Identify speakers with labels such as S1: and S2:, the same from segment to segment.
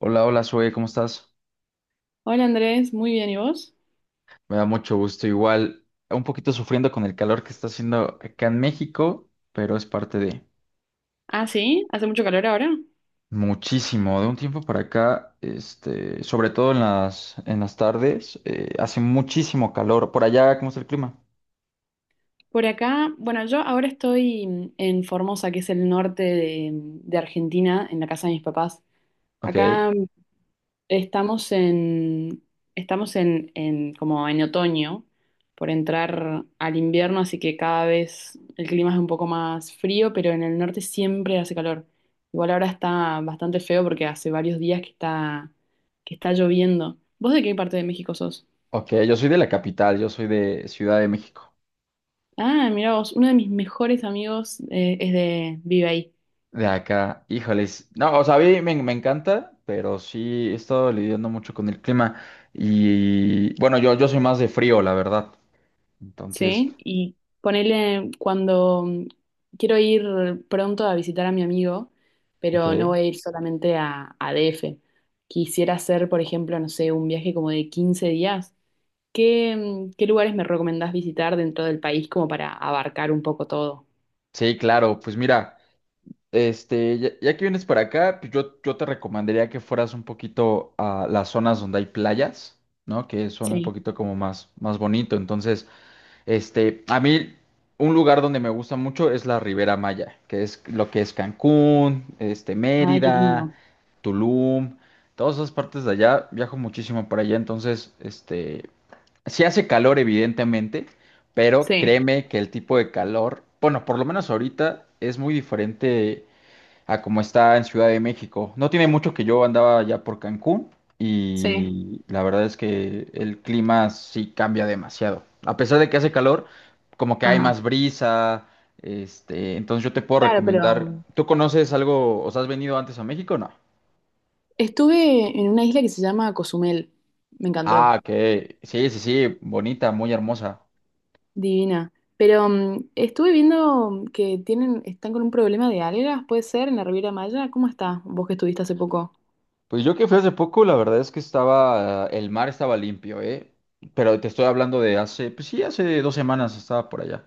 S1: Hola, hola, Zoe, ¿cómo estás?
S2: Hola Andrés, muy bien, ¿y vos?
S1: Me da mucho gusto. Igual, un poquito sufriendo con el calor que está haciendo acá en México, pero es parte de
S2: Ah, sí, hace mucho calor ahora.
S1: muchísimo. De un tiempo para acá, este, sobre todo en las tardes, hace muchísimo calor. Por allá, ¿cómo está el clima?
S2: Por acá, bueno, yo ahora estoy en Formosa, que es el norte de Argentina, en la casa de mis papás.
S1: Ok,
S2: Acá estamos en, estamos en como en otoño, por entrar al invierno, así que cada vez el clima es un poco más frío, pero en el norte siempre hace calor. Igual ahora está bastante feo porque hace varios días que está lloviendo. ¿Vos de qué parte de México sos?
S1: ok, yo soy de la capital, yo soy de Ciudad de México.
S2: Ah, mira vos, uno de mis mejores amigos es de vive ahí,
S1: De acá, híjoles. No, o sea, a mí me encanta, pero sí he estado lidiando mucho con el clima. Y bueno, yo soy más de frío, la verdad. Entonces.
S2: ¿sí? Y ponele cuando quiero ir pronto a visitar a mi amigo, pero no
S1: Ok.
S2: voy a ir solamente a DF. Quisiera hacer, por ejemplo, no sé, un viaje como de 15 días. ¿Qué, qué lugares me recomendás visitar dentro del país como para abarcar un poco todo?
S1: Sí, claro, pues mira, este, ya que vienes para acá, pues yo te recomendaría que fueras un poquito a las zonas donde hay playas, ¿no? Que son un
S2: Sí.
S1: poquito como más bonito. Entonces, este, a mí un lugar donde me gusta mucho es la Ribera Maya, que es lo que es Cancún, este,
S2: Ay, qué
S1: Mérida,
S2: lindo.
S1: Tulum, todas esas partes de allá, viajo muchísimo para allá, entonces, este, sí hace calor evidentemente, pero
S2: Sí,
S1: créeme que el tipo de calor, bueno, por lo menos ahorita es muy diferente a como está en Ciudad de México. No tiene mucho que yo andaba ya por Cancún
S2: sí.
S1: y la verdad es que el clima sí cambia demasiado. A pesar de que hace calor, como que hay
S2: Ajá.
S1: más brisa, este, entonces yo te puedo
S2: Claro, pero
S1: recomendar. ¿Tú conoces algo, o sea, has venido antes a México o no?
S2: estuve en una isla que se llama Cozumel. Me encantó.
S1: Ah, que sí, sí, sí, bonita, muy hermosa.
S2: Divina. Pero estuve viendo que tienen, están con un problema de algas, ¿puede ser? En la Riviera Maya. ¿Cómo está? Vos que estuviste hace poco.
S1: Pues yo que fui hace poco, la verdad es que estaba, el mar estaba limpio, ¿eh? Pero te estoy hablando de hace, pues sí, hace 2 semanas estaba por allá.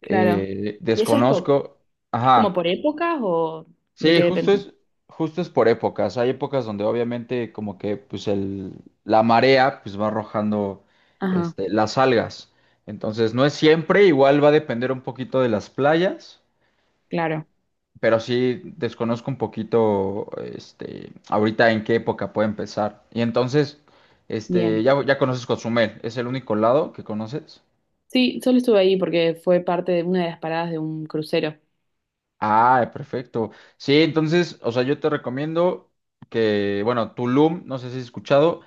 S2: Claro. ¿Y eso es, por-
S1: Desconozco.
S2: es como por
S1: Ajá.
S2: épocas o de
S1: Sí,
S2: qué
S1: justo
S2: depende?
S1: es, justo es por épocas. Hay épocas donde obviamente como que pues la marea pues va arrojando
S2: Ajá,
S1: este, las algas. Entonces no es siempre, igual va a depender un poquito de las playas,
S2: claro.
S1: pero sí desconozco un poquito este, ahorita en qué época puede empezar. Y entonces, este,
S2: Bien.
S1: ya conoces Cozumel, ¿es el único lado que conoces?
S2: Sí, solo estuve ahí porque fue parte de una de las paradas de un crucero.
S1: Ah, perfecto. Sí, entonces, o sea, yo te recomiendo que, bueno, Tulum, no sé si has escuchado.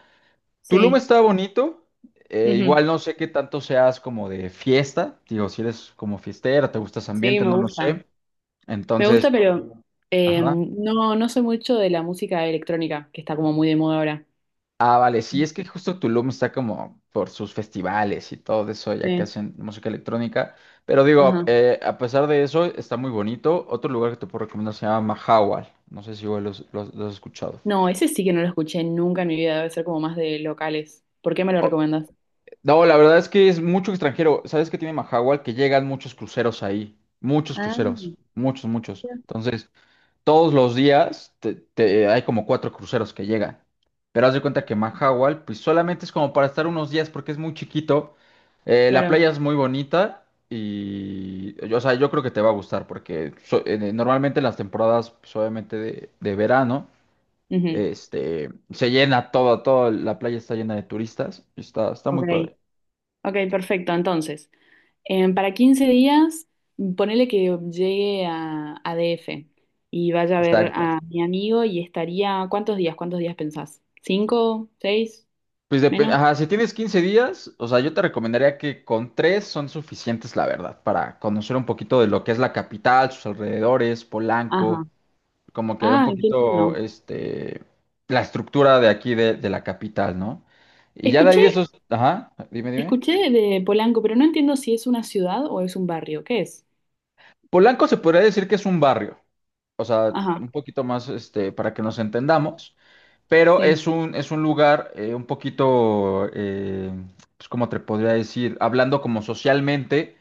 S1: Tulum
S2: Sí.
S1: está bonito.
S2: Ujú.
S1: Igual no sé qué tanto seas como de fiesta. Digo, si eres como fiestera, te gusta ese
S2: Sí,
S1: ambiente,
S2: me
S1: no lo
S2: gusta.
S1: sé.
S2: Me gusta,
S1: Entonces,
S2: pero
S1: ajá.
S2: no soy mucho de la música electrónica, que está como muy de moda ahora.
S1: Ah, vale, sí, es que justo Tulum está como por sus festivales y todo eso, ya que
S2: Sí.
S1: hacen música electrónica. Pero digo,
S2: Ajá.
S1: a pesar de eso, está muy bonito. Otro lugar que te puedo recomendar se llama Mahahual. No sé si igual lo has escuchado.
S2: No, ese sí que no lo escuché nunca en mi vida, debe ser como más de locales. ¿Por qué me lo recomiendas?
S1: No, la verdad es que es mucho extranjero. ¿Sabes qué tiene Mahahual? Que llegan muchos cruceros ahí. Muchos
S2: Ah,
S1: cruceros. Muchos, muchos. Entonces, todos los días hay como cuatro cruceros que llegan. Pero haz de cuenta que Mahahual, pues solamente es como para estar unos días porque es muy chiquito. La
S2: claro.
S1: playa es muy bonita y, o sea, yo creo que te va a gustar porque normalmente en las temporadas, pues, obviamente de verano,
S2: Ujú.
S1: este, se llena toda la playa está llena de turistas. Está
S2: Ok,
S1: muy padre.
S2: ok, perfecto. Entonces, para 15 días, ponele que llegue a DF y vaya a ver
S1: Exacto.
S2: a mi amigo y estaría, ¿cuántos días? ¿Cuántos días pensás? ¿Cinco? ¿Seis?
S1: Pues depende,
S2: ¿Menos?
S1: ajá, si tienes 15 días, o sea, yo te recomendaría que con tres son suficientes, la verdad, para conocer un poquito de lo que es la capital, sus alrededores, Polanco,
S2: Ajá.
S1: como que un
S2: Ah, qué
S1: poquito,
S2: lindo.
S1: este, la estructura de aquí de la capital, ¿no? Y ya de ahí de
S2: Escuché,
S1: esos, ajá, dime, dime.
S2: escuché de Polanco, pero no entiendo si es una ciudad o es un barrio. ¿Qué es?
S1: Polanco se podría decir que es un barrio. O sea,
S2: Ajá,
S1: un poquito más este, para que nos entendamos, pero
S2: sí,
S1: es un lugar un poquito, pues como te podría decir, hablando como socialmente,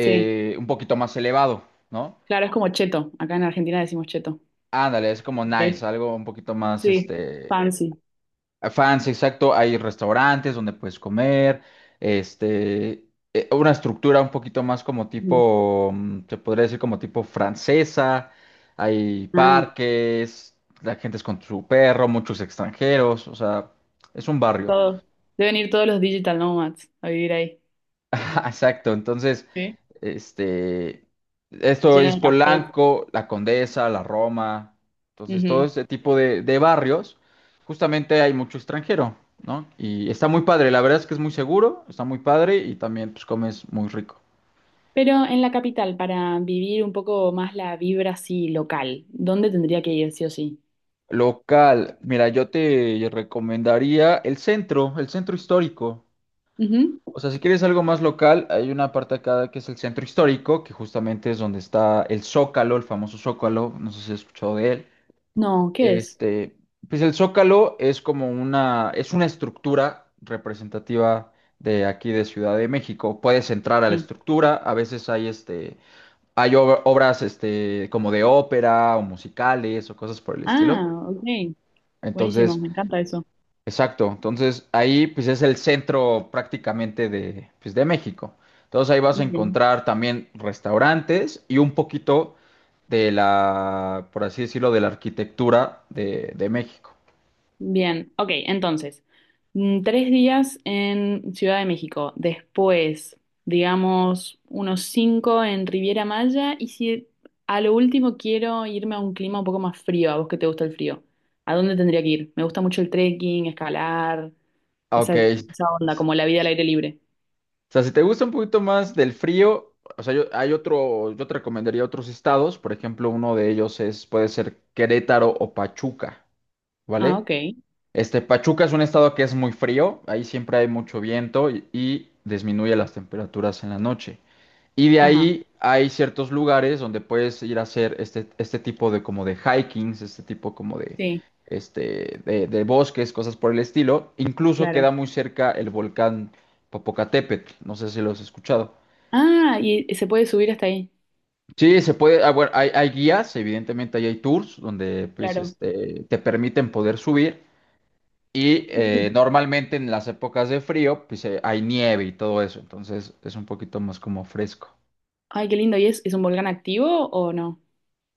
S2: sí.
S1: un poquito más elevado, ¿no?
S2: Claro, es como cheto. Acá en Argentina decimos cheto.
S1: Ándale, es como nice,
S2: Sí.
S1: algo un poquito más,
S2: Sí,
S1: este,
S2: fancy.
S1: fans, exacto, hay restaurantes donde puedes comer, este, una estructura un poquito más como
S2: Ujú.
S1: tipo, se podría decir como tipo francesa, hay
S2: Ah,
S1: parques, la gente es con su perro, muchos extranjeros, o sea, es un barrio.
S2: todo. Deben ir todos los digital nomads a vivir ahí,
S1: Exacto, entonces,
S2: sí,
S1: este, esto
S2: lleno
S1: es
S2: de cafés.
S1: Polanco, La Condesa, La Roma, entonces todo
S2: Ujú.
S1: este tipo de barrios, justamente hay mucho extranjero, ¿no? Y está muy padre, la verdad es que es muy seguro, está muy padre y también pues comes muy rico.
S2: Pero en la capital, para vivir un poco más la vibra así local, ¿dónde tendría que ir sí o sí?
S1: Local, mira, yo te recomendaría el centro histórico.
S2: Ujú.
S1: O sea, si quieres algo más local, hay una parte acá que es el centro histórico, que justamente es donde está el Zócalo, el famoso Zócalo, no sé si has escuchado de él.
S2: No, ¿qué es?
S1: Este, pues el Zócalo es es una estructura representativa de aquí de Ciudad de México. Puedes entrar a la
S2: Sí.
S1: estructura, a veces hay obras este, como de ópera o musicales o cosas por el estilo.
S2: Ah, ok. Buenísimo,
S1: Entonces,
S2: me encanta eso.
S1: exacto. Entonces ahí pues es el centro prácticamente de, pues, de México. Entonces ahí vas a
S2: Ok.
S1: encontrar también restaurantes y un poquito de la, por así decirlo, de la arquitectura de México.
S2: Bien, ok, entonces, 3 días en Ciudad de México, después, digamos, unos cinco en Riviera Maya y si a lo último quiero irme a un clima un poco más frío, a vos que te gusta el frío, ¿a dónde tendría que ir? Me gusta mucho el trekking, escalar, esa,
S1: Ok.
S2: esa onda, como la vida al aire libre.
S1: O sea, si te gusta un poquito más del frío, o sea, yo te recomendaría otros estados, por ejemplo, uno de ellos puede ser Querétaro o Pachuca,
S2: Ah,
S1: ¿vale?
S2: ok,
S1: Este, Pachuca es un estado que es muy frío, ahí siempre hay mucho viento y disminuye las temperaturas en la noche. Y de
S2: ajá,
S1: ahí hay ciertos lugares donde puedes ir a hacer este tipo de como de hikings, este tipo como de,
S2: sí,
S1: este, de bosques, cosas por el estilo. Incluso queda
S2: claro.
S1: muy cerca el volcán Popocatépetl, no sé si lo has escuchado.
S2: Ah, ¿y se puede subir hasta ahí?
S1: Sí, se puede, ah, bueno, hay guías, evidentemente ahí hay tours donde pues,
S2: Claro.
S1: este, te permiten poder subir. Y
S2: Uh,
S1: normalmente en las épocas de frío, pues hay nieve y todo eso, entonces es un poquito más como fresco.
S2: ay, qué lindo, ¿y es un volcán activo o no?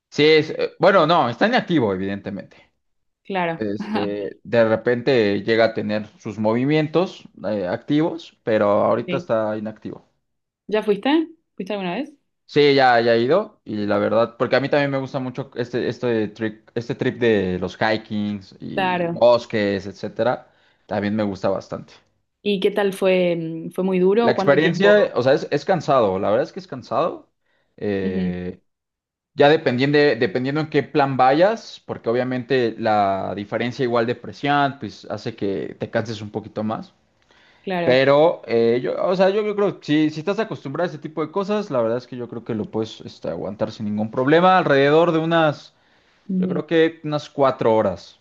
S1: Sí, bueno, no, está inactivo, evidentemente.
S2: Claro.
S1: Este, de repente llega a tener sus movimientos activos, pero ahorita
S2: Sí.
S1: está inactivo.
S2: ¿Ya fuiste? ¿Fuiste alguna vez?
S1: Sí, ya he ido y la verdad, porque a mí también me gusta mucho este, este trip de los hikings y
S2: Claro.
S1: bosques, etcétera, también me gusta bastante.
S2: ¿Y qué tal fue? ¿Fue muy
S1: La
S2: duro? ¿Cuánto tiempo?
S1: experiencia, o sea, es cansado, la verdad es que es cansado.
S2: Ujú,
S1: Eh, ya dependiendo, dependiendo en qué plan vayas, porque obviamente la diferencia igual de presión, pues hace que te canses un poquito más.
S2: claro.
S1: Pero, o sea, yo creo que si estás acostumbrado a este tipo de cosas, la verdad es que yo creo que lo puedes este, aguantar sin ningún problema, alrededor de unas, yo
S2: Ujú.
S1: creo que unas 4 horas.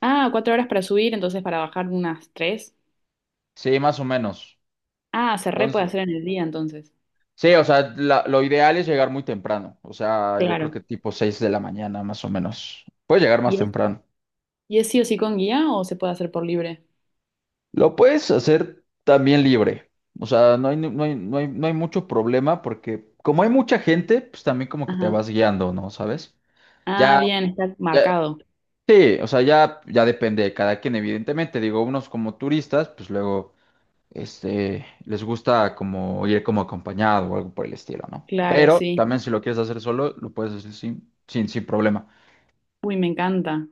S2: Ah, 4 horas para subir, entonces para bajar unas tres.
S1: Sí, más o menos.
S2: Ah, se re puede
S1: Entonces,
S2: hacer en el día entonces.
S1: sí, o sea, lo ideal es llegar muy temprano. O sea, yo creo
S2: Claro.
S1: que tipo 6 de la mañana, más o menos. Puedes llegar más
S2: ¿Y es,
S1: temprano.
S2: y es sí o sí con guía o se puede hacer por libre?
S1: Lo puedes hacer también libre. O sea, no hay mucho problema porque como hay mucha gente, pues también como que te
S2: Ajá.
S1: vas guiando, ¿no? ¿Sabes?
S2: Ah,
S1: Ya,
S2: bien, está
S1: ya,
S2: marcado.
S1: sí, o sea, ya depende de cada quien, evidentemente. Digo, unos como turistas, pues luego, este, les gusta como ir como acompañado o algo por el estilo, ¿no?
S2: Claro,
S1: Pero
S2: sí.
S1: también si lo quieres hacer solo, lo puedes hacer sin problema.
S2: Uy, me encanta.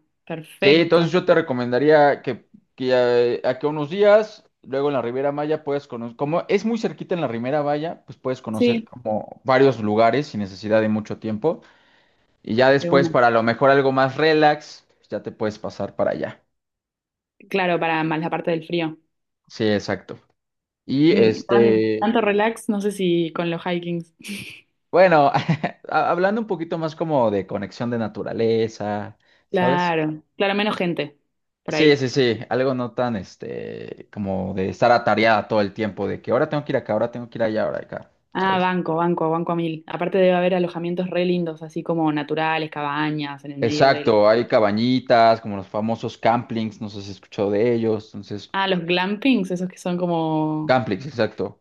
S1: Sí,
S2: Perfecto.
S1: entonces yo te recomendaría que a aquí a que unos días, luego en la Riviera Maya puedes conocer, como es muy cerquita en la Riviera Maya, pues puedes conocer
S2: Sí,
S1: como varios lugares sin necesidad de mucho tiempo. Y ya
S2: de
S1: después,
S2: una.
S1: para lo mejor algo más relax, pues, ya te puedes pasar para allá.
S2: Claro, para más la parte del frío.
S1: Sí, exacto. Y
S2: Mm,
S1: este,
S2: tanto relax, no sé si con los hikings.
S1: bueno, hablando un poquito más como de conexión de naturaleza, ¿sabes?
S2: Claro, claro, menos gente por
S1: Sí,
S2: ahí.
S1: sí, sí, algo no tan, este, como de estar atareada todo el tiempo, de que ahora tengo que ir acá, ahora tengo que ir allá, ahora acá,
S2: Ah,
S1: ¿sabes?
S2: banco, banco, banco a mil. Aparte debe haber alojamientos re lindos, así como naturales, cabañas en el medio del...
S1: Exacto, hay cabañitas, como los famosos camplings, no sé si has escuchado de ellos, entonces,
S2: Ah, los glampings, esos que son como...
S1: camplings, exacto,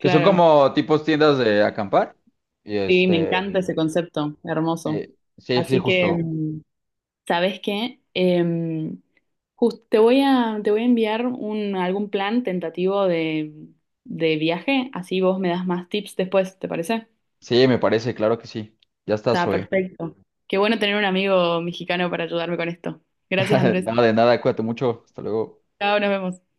S1: que son como tipos tiendas de acampar, y
S2: sí, me
S1: este,
S2: encanta ese concepto, hermoso.
S1: sí, sí,
S2: Así que,
S1: justo,
S2: mm, ¿sabes qué? Te voy a enviar un, algún plan tentativo de viaje, así vos me das más tips después, ¿te parece?
S1: sí, me parece, claro que sí, ya está,
S2: Está
S1: Zoe.
S2: perfecto. Qué bueno tener un amigo mexicano para ayudarme con esto. Gracias, Andrés.
S1: Nada de nada, cuídate mucho, hasta luego.
S2: Chao, nos vemos.